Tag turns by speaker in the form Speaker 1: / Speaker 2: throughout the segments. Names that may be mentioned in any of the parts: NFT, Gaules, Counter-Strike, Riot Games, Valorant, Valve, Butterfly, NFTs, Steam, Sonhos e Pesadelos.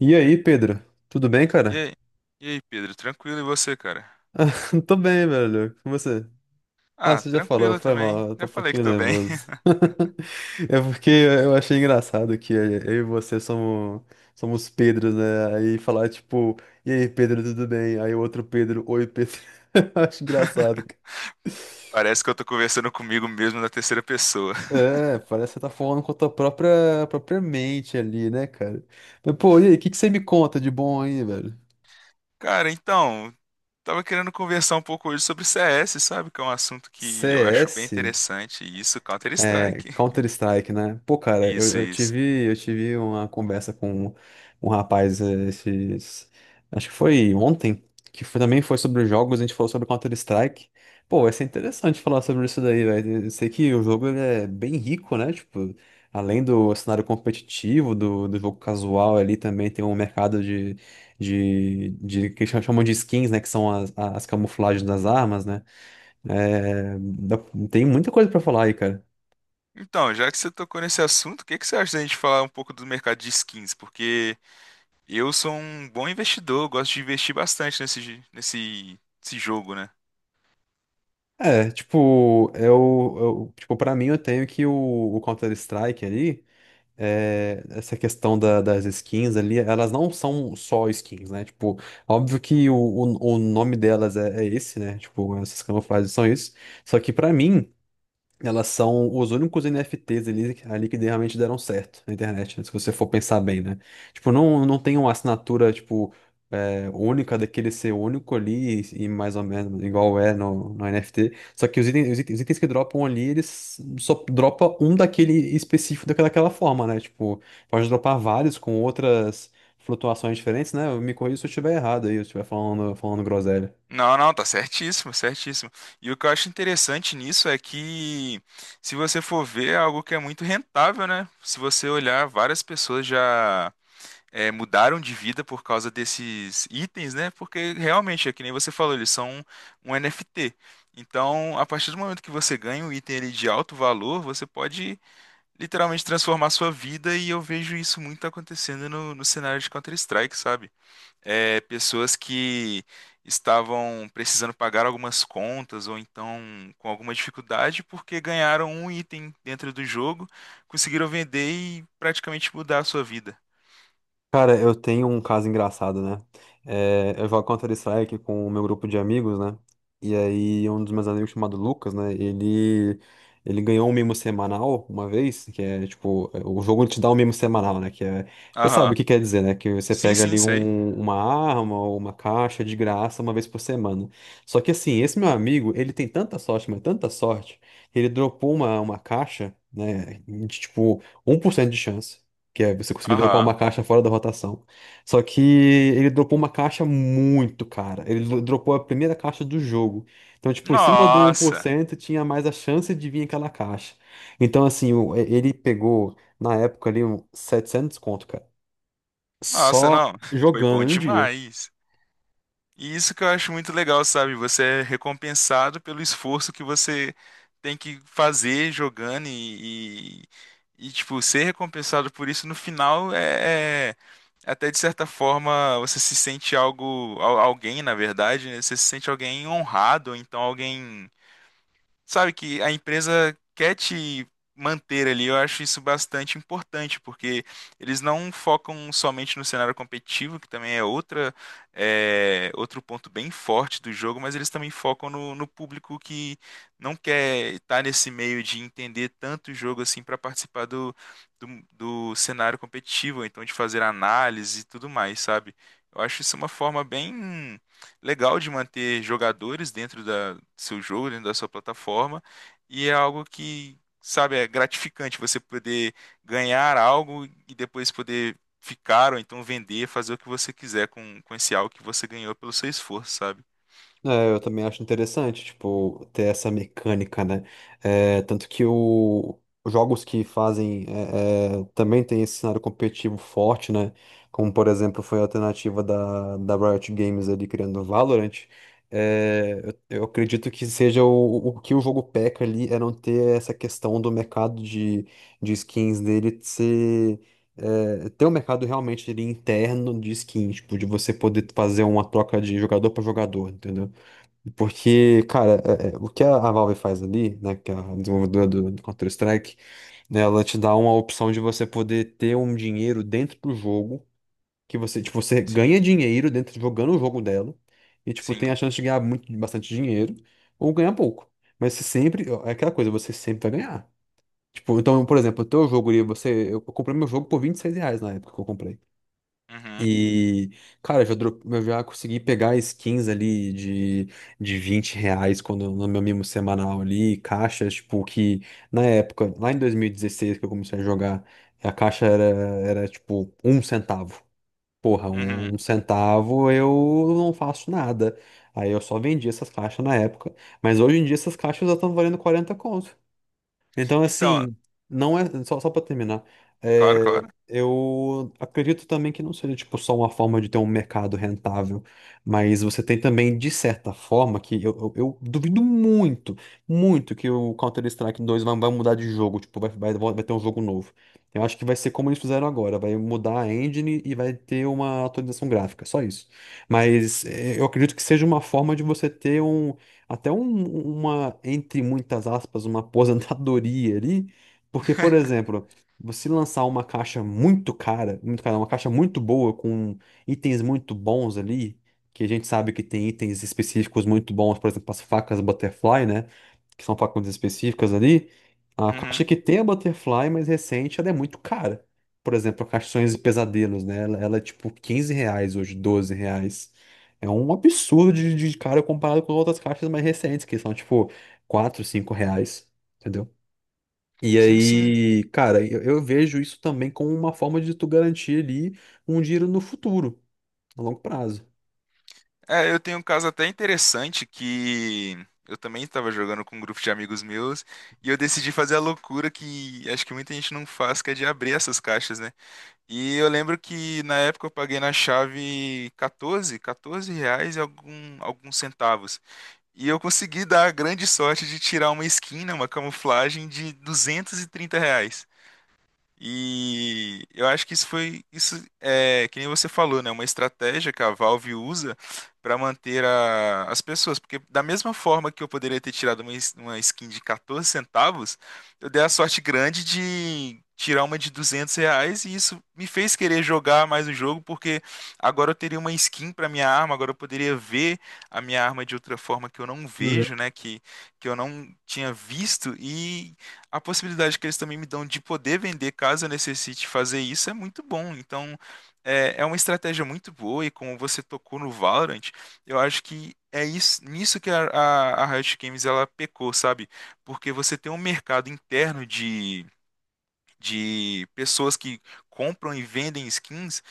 Speaker 1: E aí, Pedro? Tudo bem,
Speaker 2: E
Speaker 1: cara?
Speaker 2: aí, e aí, Pedro, tranquilo e você, cara?
Speaker 1: Tô bem, velho. Com você? Ah,
Speaker 2: Ah,
Speaker 1: você já falou,
Speaker 2: tranquilo
Speaker 1: foi
Speaker 2: também.
Speaker 1: mal, eu tô
Speaker 2: Já
Speaker 1: um
Speaker 2: falei que
Speaker 1: pouquinho
Speaker 2: tô bem.
Speaker 1: nervoso. É porque eu achei engraçado que eu e você somos Pedros, né? Aí falar tipo, e aí, Pedro, tudo bem? Aí o outro Pedro, oi, Pedro. Eu acho engraçado, cara.
Speaker 2: Parece que eu tô conversando comigo mesmo na terceira pessoa.
Speaker 1: É, parece que você tá falando com a tua própria mente ali, né, cara? Mas, pô, e aí, o que que você me conta de bom aí, velho?
Speaker 2: Cara, então, tava querendo conversar um pouco hoje sobre CS, sabe? Que é um assunto que eu acho bem
Speaker 1: CS?
Speaker 2: interessante. Isso,
Speaker 1: É,
Speaker 2: Counter-Strike.
Speaker 1: Counter-Strike, né? Pô, cara, eu,
Speaker 2: Isso,
Speaker 1: eu
Speaker 2: isso.
Speaker 1: tive, eu tive uma conversa com um rapaz esses, acho que foi ontem, também foi sobre jogos, a gente falou sobre Counter-Strike. Pô, vai ser interessante falar sobre isso daí, velho. Eu sei que o jogo ele é bem rico, né? Tipo, além do cenário competitivo, do jogo casual ali, também tem um mercado de que eles chamam de skins, né? Que são as camuflagens das armas, né? É, dá- Tem muita coisa pra falar aí, cara.
Speaker 2: Então, já que você tocou nesse assunto, o que que você acha da gente falar um pouco do mercado de skins? Porque eu sou um bom investidor, eu gosto de investir bastante nesse jogo, né?
Speaker 1: É, tipo, para mim eu tenho que o Counter-Strike ali, essa questão das skins ali, elas não são só skins, né? Tipo, óbvio que o nome delas é esse, né? Tipo, essas camuflagens são isso. Só que pra mim, elas são os únicos NFTs ali que realmente deram certo na internet, né? Se você for pensar bem, né? Tipo, não tem uma assinatura, tipo é, única daquele ser único ali e mais ou menos igual é no NFT. Só que os itens que dropam ali, eles só dropa um daquele específico daquela forma, né? Tipo, pode dropar vários com outras flutuações diferentes, né? Eu me corrija se eu estiver errado aí, se eu estiver falando groselha.
Speaker 2: Não, não, tá certíssimo, certíssimo. E o que eu acho interessante nisso é que, se você for ver, é algo que é muito rentável, né? Se você olhar, várias pessoas já mudaram de vida por causa desses itens, né? Porque realmente, é que nem você falou, eles são um NFT. Então, a partir do momento que você ganha um item ali de alto valor, você pode literalmente transformar sua vida, e eu vejo isso muito acontecendo no cenário de Counter-Strike, sabe? Pessoas que estavam precisando pagar algumas contas ou então com alguma dificuldade porque ganharam um item dentro do jogo, conseguiram vender e praticamente mudar a sua vida.
Speaker 1: Cara, eu tenho um caso engraçado, né? É, eu jogo Counter-Strike com o meu grupo de amigos, né? E aí, um dos meus amigos chamado Lucas, né? Ele ganhou um mimo semanal uma vez, que é tipo, é, o jogo te dá um mimo semanal, né? Que é, você sabe o
Speaker 2: Aham.
Speaker 1: que quer dizer, né? Que você
Speaker 2: Sim,
Speaker 1: pega
Speaker 2: sim,
Speaker 1: ali
Speaker 2: sei.
Speaker 1: uma arma ou uma caixa de graça uma vez por semana. Só que assim, esse meu amigo, ele tem tanta sorte, mas tanta sorte, ele dropou uma caixa, né? De tipo, 1% de chance que é você conseguir dropar
Speaker 2: Aham.
Speaker 1: uma caixa fora da rotação. Só que ele dropou uma caixa muito cara. Dropou a primeira caixa do jogo. Então, tipo, em cima do um por
Speaker 2: Nossa.
Speaker 1: cento tinha mais a chance de vir aquela caixa. Então, assim, ele pegou, na época ali, um 700 conto, cara.
Speaker 2: Nossa,
Speaker 1: Só
Speaker 2: não. Foi bom
Speaker 1: jogando em um dia.
Speaker 2: demais. E isso que eu acho muito legal, sabe? Você é recompensado pelo esforço que você tem que fazer jogando e, tipo, ser recompensado por isso no final até de certa forma você se sente algo, alguém, na verdade, né? Você se sente alguém honrado, ou então alguém sabe, que a empresa quer te manter ali. Eu acho isso bastante importante, porque eles não focam somente no cenário competitivo, que também é outra, outro ponto bem forte do jogo, mas eles também focam no público que não quer estar nesse meio de entender tanto o jogo assim para participar do, do cenário competitivo, ou então de fazer análise e tudo mais, sabe? Eu acho isso uma forma bem legal de manter jogadores dentro da, do seu jogo, dentro da sua plataforma, e é algo que, sabe, é gratificante você poder ganhar algo e depois poder ficar ou então vender, fazer o que você quiser com esse algo que você ganhou pelo seu esforço, sabe?
Speaker 1: É, eu também acho interessante, tipo, ter essa mecânica, né? É, tanto que o, os jogos que fazem também tem esse cenário competitivo forte, né? Como, por exemplo, foi a alternativa da Riot Games ali criando o Valorant. É, eu acredito que seja o que o jogo peca ali é não ter essa questão do mercado de skins dele ser. É, ter um mercado realmente ali interno de skins, tipo, de você poder fazer uma troca de jogador para jogador, entendeu? Porque, cara, o que a Valve faz ali, né, que é a desenvolvedora do Counter-Strike, né, ela te dá uma opção de você poder ter um dinheiro dentro do jogo, que você, tipo, você
Speaker 2: Sim,
Speaker 1: ganha dinheiro dentro jogando o jogo dela, e, tipo,
Speaker 2: sim.
Speaker 1: tem a chance de ganhar muito, bastante dinheiro, ou ganhar pouco. Mas você sempre, é aquela coisa, você sempre vai ganhar. Tipo, então, por exemplo, o teu jogo ali, você, eu comprei meu jogo por R$ 26 na época que eu comprei.
Speaker 2: Uhum,
Speaker 1: E, cara, eu já, eu já consegui pegar skins ali de R$ 20 quando, no meu mimo semanal ali, caixas, tipo, que na época, lá em 2016 que eu comecei a jogar, a caixa era tipo um centavo. Porra,
Speaker 2: uhum.
Speaker 1: um centavo eu não faço nada. Aí eu só vendi essas caixas na época, mas hoje em dia essas caixas já estão valendo 40 conto. Então,
Speaker 2: Então,
Speaker 1: assim, não é. Só para terminar,
Speaker 2: claro,
Speaker 1: é,
Speaker 2: claro.
Speaker 1: eu acredito também que não seja tipo, só uma forma de ter um mercado rentável, mas você tem também, de certa forma, que eu duvido muito, muito que o Counter-Strike 2 vai mudar de jogo, tipo, vai ter um jogo novo. Eu acho que vai ser como eles fizeram agora, vai mudar a engine e vai ter uma atualização gráfica, só isso. Mas é, eu acredito que seja uma forma de você ter entre muitas aspas, uma aposentadoria ali, porque, por exemplo, você lançar uma caixa muito cara, uma caixa muito boa, com itens muito bons ali, que a gente sabe que tem itens específicos muito bons, por exemplo, as facas Butterfly, né? Que são facas específicas ali. A caixa
Speaker 2: Uhum.
Speaker 1: que tem a Butterfly mais recente, ela é muito cara. Por exemplo, a caixa Sonhos e Pesadelos, né? Ela é tipo R$ 15 hoje, R$ 12. É um absurdo de cara comparado com outras caixas mais recentes, que são tipo 4, 5 reais, entendeu? E
Speaker 2: Sim, sim.
Speaker 1: aí, cara, eu vejo isso também como uma forma de tu garantir ali um dinheiro no futuro, a longo prazo.
Speaker 2: É, eu tenho um caso até interessante que eu também estava jogando com um grupo de amigos meus e eu decidi fazer a loucura que acho que muita gente não faz, que é de abrir essas caixas, né? E eu lembro que na época eu paguei na chave 14 reais e alguns centavos. E eu consegui dar a grande sorte de tirar uma skin, né, uma camuflagem de R$ 230. E eu acho que isso foi, isso é, que nem você falou, né? Uma estratégia que a Valve usa para manter as pessoas. Porque da mesma forma que eu poderia ter tirado uma, uma skin de 14 centavos, eu dei a sorte grande de tirar uma de R$ 200 e isso me fez querer jogar mais o jogo, porque agora eu teria uma skin para minha arma, agora eu poderia ver a minha arma de outra forma que eu não
Speaker 1: Uhum.
Speaker 2: vejo, né? Que eu não tinha visto e a possibilidade que eles também me dão de poder vender caso eu necessite fazer isso é muito bom. Então, é, é uma estratégia muito boa e como você tocou no Valorant, eu acho que é isso, nisso que a Riot Games ela pecou, sabe? Porque você tem um mercado interno de pessoas que compram e vendem skins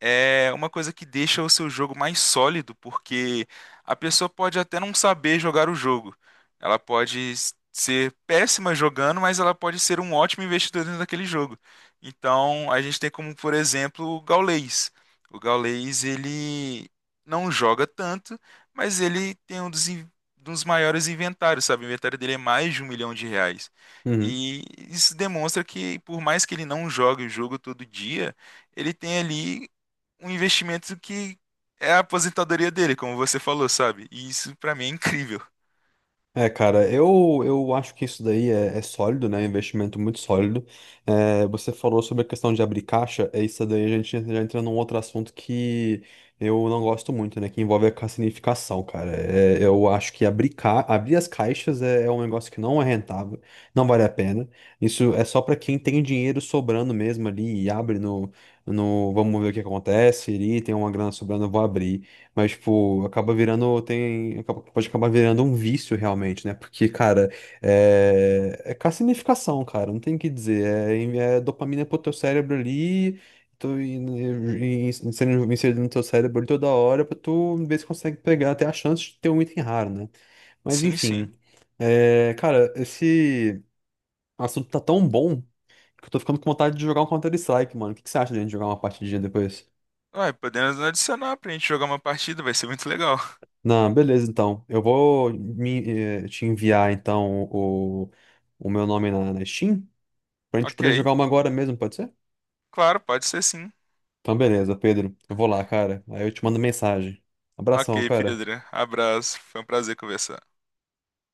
Speaker 2: é uma coisa que deixa o seu jogo mais sólido, porque a pessoa pode até não saber jogar o jogo. Ela pode ser péssima jogando, mas ela pode ser um ótimo investidor dentro daquele jogo. Então, a gente tem como, por exemplo, o Gaules. O Gaules, ele não joga tanto, mas ele tem um dos, dos maiores inventários, sabe? O inventário dele é mais de R$ 1 milhão.
Speaker 1: Uhum.
Speaker 2: E isso demonstra que, por mais que ele não jogue o jogo todo dia, ele tem ali um investimento que é a aposentadoria dele, como você falou, sabe? E isso pra mim é incrível.
Speaker 1: É, cara, eu acho que isso daí é sólido, né? É um investimento muito sólido. É, você falou sobre a questão de abrir caixa, é isso daí a gente já entra num outro assunto que eu não gosto muito, né? Que envolve a cassinificação, cara. É, eu acho que abrir as caixas é um negócio que não é rentável, não vale a pena. Isso é só para quem tem dinheiro sobrando mesmo ali e abre no vamos ver o que acontece ali, tem uma grana sobrando, eu vou abrir. Mas, tipo, acaba virando, pode acabar virando um vício realmente, né? Porque, cara, é carcinificação, cara, não tem o que dizer. É dopamina pro teu cérebro ali, tô in- in- in- sendo no teu cérebro ali toda hora pra tu ver se consegue pegar até a chance de ter um item raro, né? Mas,
Speaker 2: Sim, sim.
Speaker 1: enfim, cara, esse assunto tá tão bom que eu tô ficando com vontade de jogar um Counter-Strike, mano. O que que você acha de a gente jogar uma partidinha depois?
Speaker 2: Ué, podemos adicionar pra gente jogar uma partida, vai ser muito legal.
Speaker 1: Não, beleza, então. Eu vou me, eh, te enviar, então, o meu nome na Steam, pra gente poder
Speaker 2: Ok.
Speaker 1: jogar uma agora mesmo, pode ser?
Speaker 2: Claro, pode ser sim.
Speaker 1: Então, beleza, Pedro. Eu vou lá, cara. Aí eu te mando mensagem. Abração,
Speaker 2: Ok,
Speaker 1: cara.
Speaker 2: Pedro. Abraço. Foi um prazer conversar.